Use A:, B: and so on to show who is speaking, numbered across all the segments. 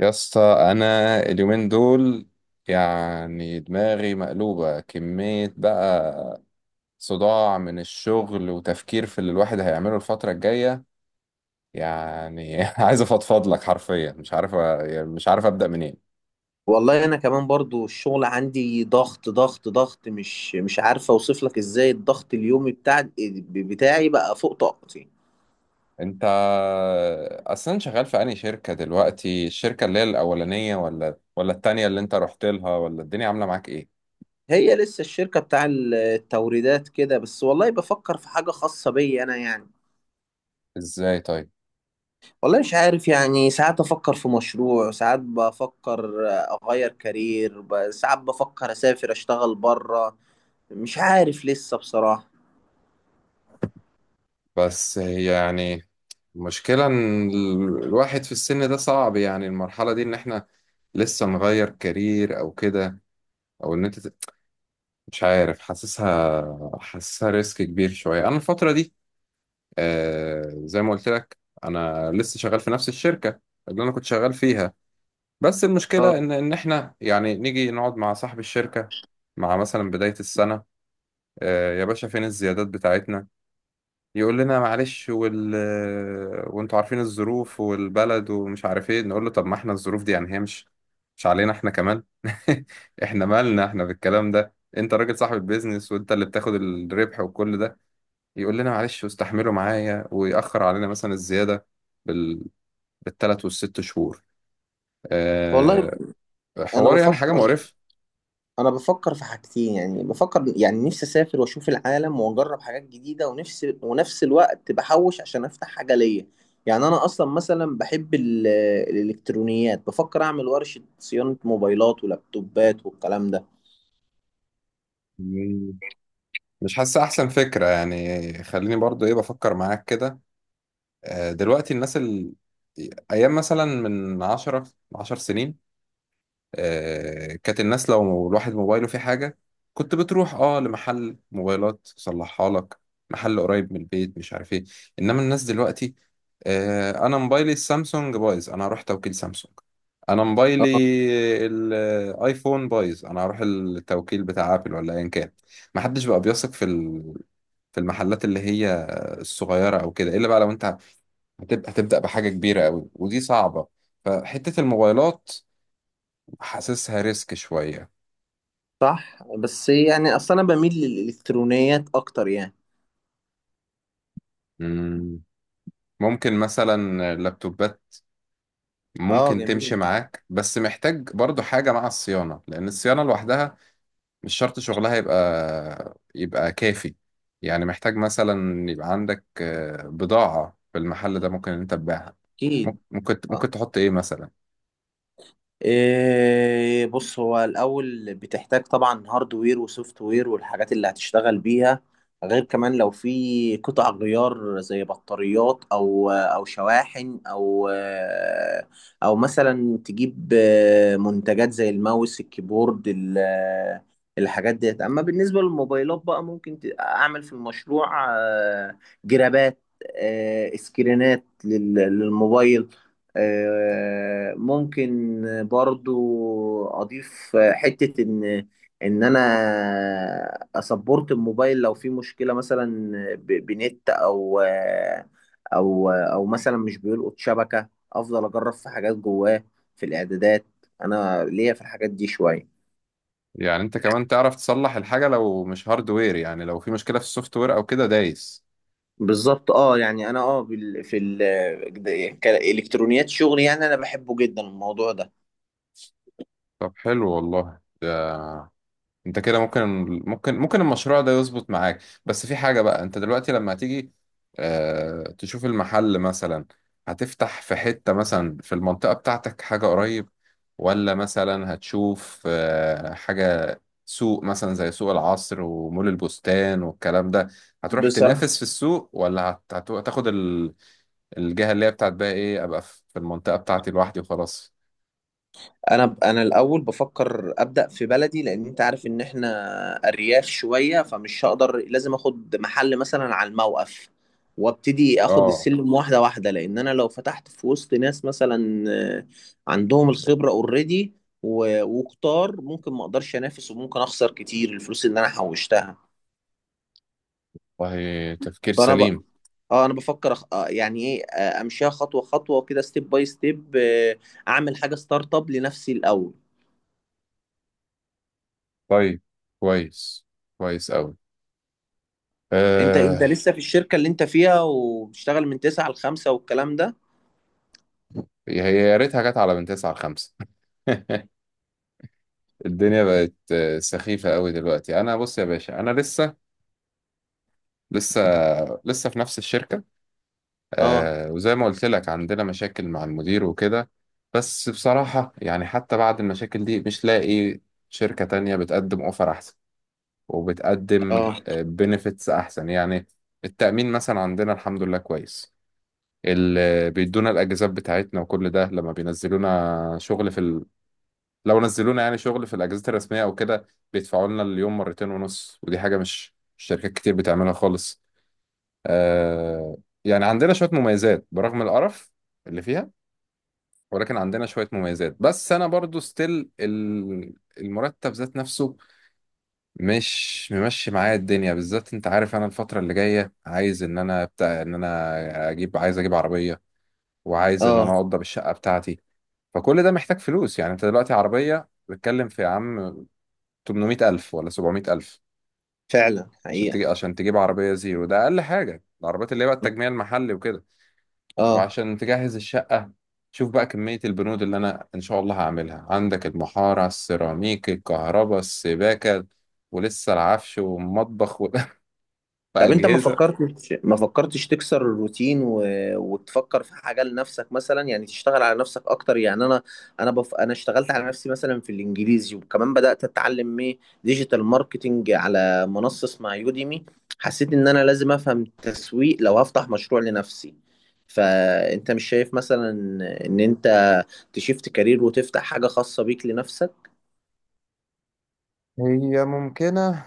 A: يا اسطى، انا اليومين دول يعني دماغي مقلوبة كمية بقى. صداع من الشغل وتفكير في اللي الواحد هيعمله الفترة الجاية. يعني عايز افضفض لك حرفيا، مش عارف يعني مش عارف ابدأ منين.
B: والله انا كمان برضو الشغل عندي ضغط ضغط ضغط، مش عارفه اوصف لك ازاي الضغط اليومي بتاعي بقى فوق طاقتي.
A: انت اصلا شغال في انهي شركة دلوقتي؟ الشركة اللي هي الاولانية ولا التانية اللي انت رحت لها، ولا الدنيا عاملة معاك ايه؟
B: هي لسه الشركه بتاع التوريدات كده بس، والله بفكر في حاجه خاصه بيا انا يعني.
A: ازاي طيب؟
B: والله مش عارف، يعني ساعات افكر في مشروع، ساعات بفكر اغير كارير، ساعات بفكر اسافر اشتغل بره. مش عارف لسه بصراحه.
A: بس هي يعني المشكلة إن الواحد في السن ده صعب، يعني المرحلة دي إن إحنا لسه نغير كارير أو كده، أو إن مش عارف، حاسسها ريسك كبير شوية أنا الفترة دي. آه، زي ما قلت لك، أنا لسه شغال في نفس الشركة اللي أنا كنت شغال فيها. بس المشكلة
B: اه
A: إن إحنا يعني نيجي نقعد مع صاحب الشركة مع مثلا بداية السنة: آه يا باشا، فين الزيادات بتاعتنا؟ يقول لنا معلش وانتوا عارفين الظروف والبلد ومش عارف ايه. نقول له طب ما احنا الظروف دي يعني هي مش علينا احنا كمان احنا مالنا احنا بالكلام ده؟ انت راجل صاحب البيزنس وانت اللي بتاخد الربح وكل ده. يقول لنا معلش واستحملوا معايا، ويأخر علينا مثلا الزيادة بال... بالثلاث والست شهور.
B: والله.
A: أه...
B: انا
A: حوار يعني حاجة
B: بفكر
A: مقرفة.
B: انا بفكر في حاجتين، يعني بفكر، يعني نفسي اسافر واشوف العالم واجرب حاجات جديده، ونفسي ونفس الوقت بحوش عشان افتح حاجه ليا. يعني انا اصلا مثلا بحب الالكترونيات، بفكر اعمل ورشه صيانه موبايلات ولابتوبات والكلام ده.
A: مم. مش حاسة أحسن فكرة، يعني خليني برضو إيه بفكر معاك كده. آه، دلوقتي الناس ايام مثلا من 10 10 سنين، آه كانت الناس لو الواحد موبايله فيه حاجه، كنت بتروح لمحل موبايلات يصلحها لك، محل قريب من البيت، مش عارف ايه. انما الناس دلوقتي: آه، انا موبايلي السامسونج بايظ، انا هروح توكيل سامسونج. انا موبايلي
B: اه
A: الايفون بايظ، انا هروح التوكيل بتاع ابل ولا ايا كان. محدش بقى بيثق في المحلات اللي هي الصغيره او كده، الا بقى لو انت هتبدأ بحاجة كبيرة قوي، ودي صعبة. فحتة الموبايلات حاسسها ريسك شوية.
B: صح، بس يعني اصلا انا بميل للالكترونيات اكتر يعني.
A: امم ممكن مثلا اللابتوبات
B: اه
A: ممكن تمشي
B: جميل.
A: معاك، بس محتاج برضو حاجة مع الصيانة، لأن الصيانة لوحدها مش شرط شغلها يبقى كافي. يعني محتاج مثلا يبقى عندك بضاعة في المحل ده ممكن إن أنت تبيعها.
B: اكيد. آه.
A: ممكن تحط إيه مثلا؟
B: إيه بص، هو الأول بتحتاج طبعا هاردوير وسوفت وير والحاجات اللي هتشتغل بيها، غير كمان لو في قطع غيار زي بطاريات أو شواحن، أو أو مثلا تجيب منتجات زي الماوس، الكيبورد، الحاجات ديت. أما بالنسبة للموبايلات بقى، ممكن أعمل في المشروع جرابات، سكرينات للموبايل. ممكن برضو اضيف حتة ان انا اسبورت الموبايل لو في مشكلة، مثلا بنت، او او مثلا مش بيلقط شبكة، افضل اجرب في حاجات جواه، في الاعدادات. انا ليا في الحاجات دي شوية.
A: يعني أنت كمان تعرف تصلح الحاجة لو مش هاردوير، يعني لو في مشكلة في السوفت وير أو كده، دايس.
B: بالظبط اه، يعني انا كالكترونيات شغلي يعني، انا بحبه جدا الموضوع ده.
A: طب حلو والله ده. انت كده ممكن المشروع ده يظبط معاك. بس في حاجة بقى، انت دلوقتي لما هتيجي اه تشوف المحل مثلا، هتفتح في حتة مثلا في المنطقة بتاعتك حاجة قريب، ولا مثلا هتشوف اه حاجة سوق مثلا زي سوق العصر ومول البستان والكلام ده؟ هتروح
B: بصراحة،
A: تنافس في السوق، ولا الجهة اللي هي بتاعت بقى ايه، ابقى في المنطقة بتاعتي لوحدي وخلاص؟
B: انا الاول بفكر ابدا في بلدي، لان انت عارف ان احنا ارياف شويه، فمش هقدر، لازم اخد محل مثلا على الموقف وابتدي اخد
A: اه،
B: السلم واحده واحده. لان انا لو فتحت في وسط ناس مثلا آه، عندهم الخبره اوريدي وكتار، ممكن ما اقدرش انافس وممكن اخسر كتير الفلوس اللي انا حوشتها.
A: والله تفكير
B: فانا ب...
A: سليم.
B: اه انا بفكر، أخ... آه، يعني ايه، امشيها خطوه خطوه وكده، ستيب باي ستيب. اعمل حاجه ستارت اب لنفسي الاول.
A: طيب كويس، كويس أوي.
B: انت
A: آه.
B: لسه في الشركة اللي انت فيها وبتشتغل من 9 ل 5 والكلام ده؟
A: هي يا ريتها جت على من 9 لـ 5. الدنيا بقت سخيفة أوي دلوقتي. أنا بص يا باشا، أنا لسه لسه في نفس الشركة.
B: اه،
A: آه وزي ما قلت لك، عندنا مشاكل مع المدير وكده. بس بصراحة يعني حتى بعد المشاكل دي، مش لاقي شركة تانية بتقدم أوفر أحسن وبتقدم
B: اه،
A: بنفيتس أحسن يعني. التأمين مثلا عندنا الحمد لله كويس، اللي بيدونا الاجازات بتاعتنا وكل ده. لما بينزلونا شغل في ال... لو نزلونا يعني شغل في الاجازات الرسميه او كده، بيدفعوا لنا اليوم مرتين ونص، ودي حاجه مش شركات كتير بتعملها خالص. آه... يعني عندنا شويه مميزات برغم القرف اللي فيها، ولكن عندنا شويه مميزات. بس انا برضو ستيل المرتب ذات نفسه مش ممشي معايا الدنيا. بالذات انت عارف انا الفتره اللي جايه، عايز اجيب عربيه، وعايز ان انا
B: اه.
A: اوضب الشقه بتاعتي. فكل ده محتاج فلوس. يعني انت دلوقتي عربية بتتكلم في، يا عم، 800 ألف ولا 700 ألف،
B: فعلا
A: عشان
B: حقيقة.
A: تجيب عربية زيرو. ده أقل حاجة، العربيات اللي هي بقى التجميع المحلي وكده.
B: اه
A: وعشان تجهز الشقة شوف بقى كمية البنود اللي أنا إن شاء الله هعملها عندك: المحارة، السيراميك، الكهرباء، السباكة، ولسه العفش والمطبخ
B: طب انت ما
A: وأجهزة.
B: فكرتش ما فكرتش تكسر الروتين وتفكر في حاجه لنفسك مثلا، يعني تشتغل على نفسك اكتر، يعني انا اشتغلت على نفسي مثلا في الانجليزي، وكمان بدات اتعلم ايه، ديجيتال ماركتنج، على منصه اسمها يوديمي. حسيت ان انا لازم افهم تسويق لو هفتح مشروع لنفسي. فانت مش شايف مثلا ان انت تشيفت كارير وتفتح حاجه خاصه بيك لنفسك؟
A: هي ممكنة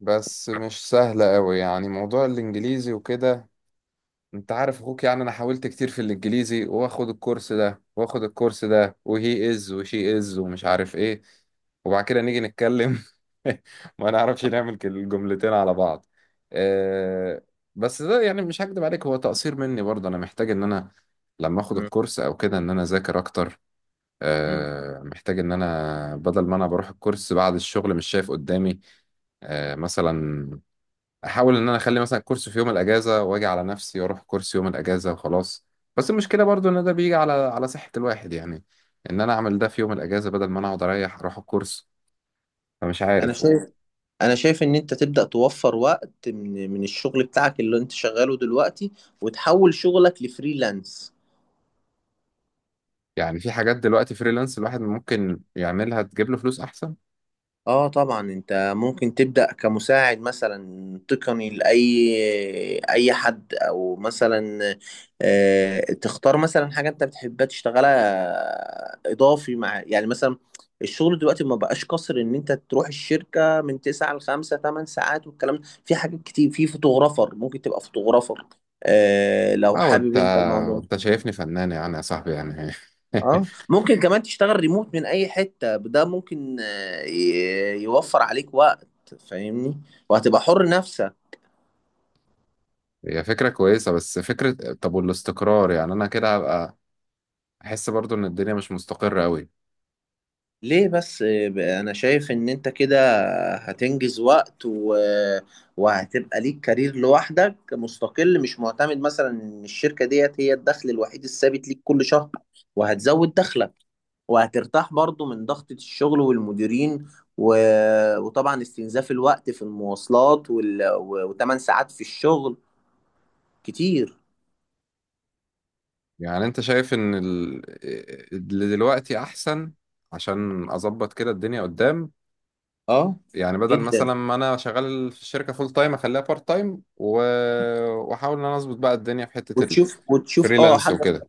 A: بس مش سهلة أوي، يعني موضوع الإنجليزي وكده انت عارف اخوك. يعني انا حاولت كتير في الانجليزي، واخد الكورس ده واخد الكورس ده، وهي از وشي از ومش عارف ايه. وبعد كده نيجي نتكلم ما نعرفش نعمل الجملتين على بعض. أه. بس ده يعني مش هكدب عليك، هو تقصير مني برضه. انا محتاج ان انا لما اخد
B: مم.
A: الكورس او كده ان انا اذاكر اكتر.
B: مم.
A: أه، محتاج ان انا بدل ما انا بروح الكورس بعد الشغل مش شايف قدامي. أه، مثلا احاول ان انا اخلي مثلا كورس في يوم الاجازه، واجي على نفسي واروح كورس يوم الاجازه وخلاص. بس المشكله برضو ان ده بيجي على صحه الواحد، يعني ان انا اعمل ده في يوم الاجازه بدل ما انا اقعد اريح اروح الكورس. فمش
B: انا
A: عارف.
B: شايف انا شايف ان انت تبدأ توفر وقت من الشغل بتاعك اللي انت شغاله دلوقتي، وتحول شغلك لفريلانس.
A: يعني في حاجات دلوقتي فريلانس الواحد ممكن يعملها تجيب له فلوس احسن.
B: اه طبعا، انت ممكن تبدأ كمساعد مثلا تقني لأي اي حد، او مثلا تختار مثلا حاجة انت بتحبها تشتغلها اضافي مع، يعني مثلا، الشغل دلوقتي ما بقاش قصر ان انت تروح الشركة من 9 ل 5، 8 ساعات والكلام ده. في حاجات كتير، في فوتوغرافر، ممكن تبقى فوتوغرافر لو
A: اه. وانت
B: حابب انت الموضوع.
A: وانت شايفني فنان يعني يا صاحبي يعني؟
B: اه ممكن كمان تشتغل ريموت من اي حتة، ده ممكن يوفر عليك وقت. فاهمني؟ وهتبقى حر نفسك.
A: هي فكره كويسه، بس فكره. طب والاستقرار؟ يعني انا كده هبقى احس برضو ان الدنيا مش مستقره قوي.
B: ليه بس؟ انا شايف ان انت كده هتنجز وقت وهتبقى ليك كارير لوحدك، مستقل، مش معتمد مثلا ان الشركة ديت هي الدخل الوحيد الثابت ليك كل شهر. وهتزود دخلك، وهترتاح برضو من ضغطة الشغل والمديرين و... وطبعا استنزاف الوقت في المواصلات وتمن ساعات في الشغل كتير.
A: يعني انت شايف اللي دلوقتي احسن عشان اظبط كده الدنيا قدام؟
B: اه
A: يعني بدل مثلا
B: جدا.
A: ما انا شغال في الشركه فول تايم، اخليها بارت تايم واحاول ان انا اظبط بقى الدنيا في حته
B: وتشوف وتشوف اه
A: الفريلانس
B: حاجه
A: وكده.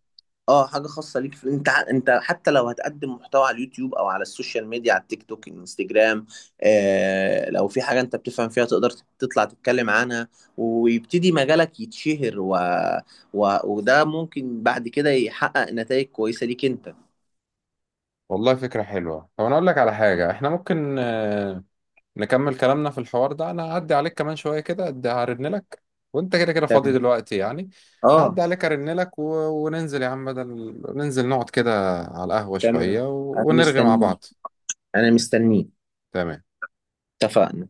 B: اه حاجه خاصه ليك في انت انت حتى لو هتقدم محتوى على اليوتيوب او على السوشيال ميديا، على التيك توك، الانستجرام. آه لو في حاجه انت بتفهم فيها، تقدر تطلع تتكلم عنها، ويبتدي مجالك يتشهر، وده ممكن بعد كده يحقق نتائج كويسه ليك انت.
A: والله فكره حلوه. طب انا اقول لك على حاجه، احنا ممكن نكمل كلامنا في الحوار ده. انا هعدي عليك كمان شويه كده، هرن لك، وانت كده كده فاضي
B: تمام.
A: دلوقتي يعني؟
B: اه
A: هعدي عليك ارن لك وننزل يا عم، بدل ننزل نقعد كده على القهوه
B: تمام،
A: شويه
B: انا
A: ونرغي مع
B: مستنيك،
A: بعض.
B: انا مستنيك.
A: تمام.
B: اتفقنا.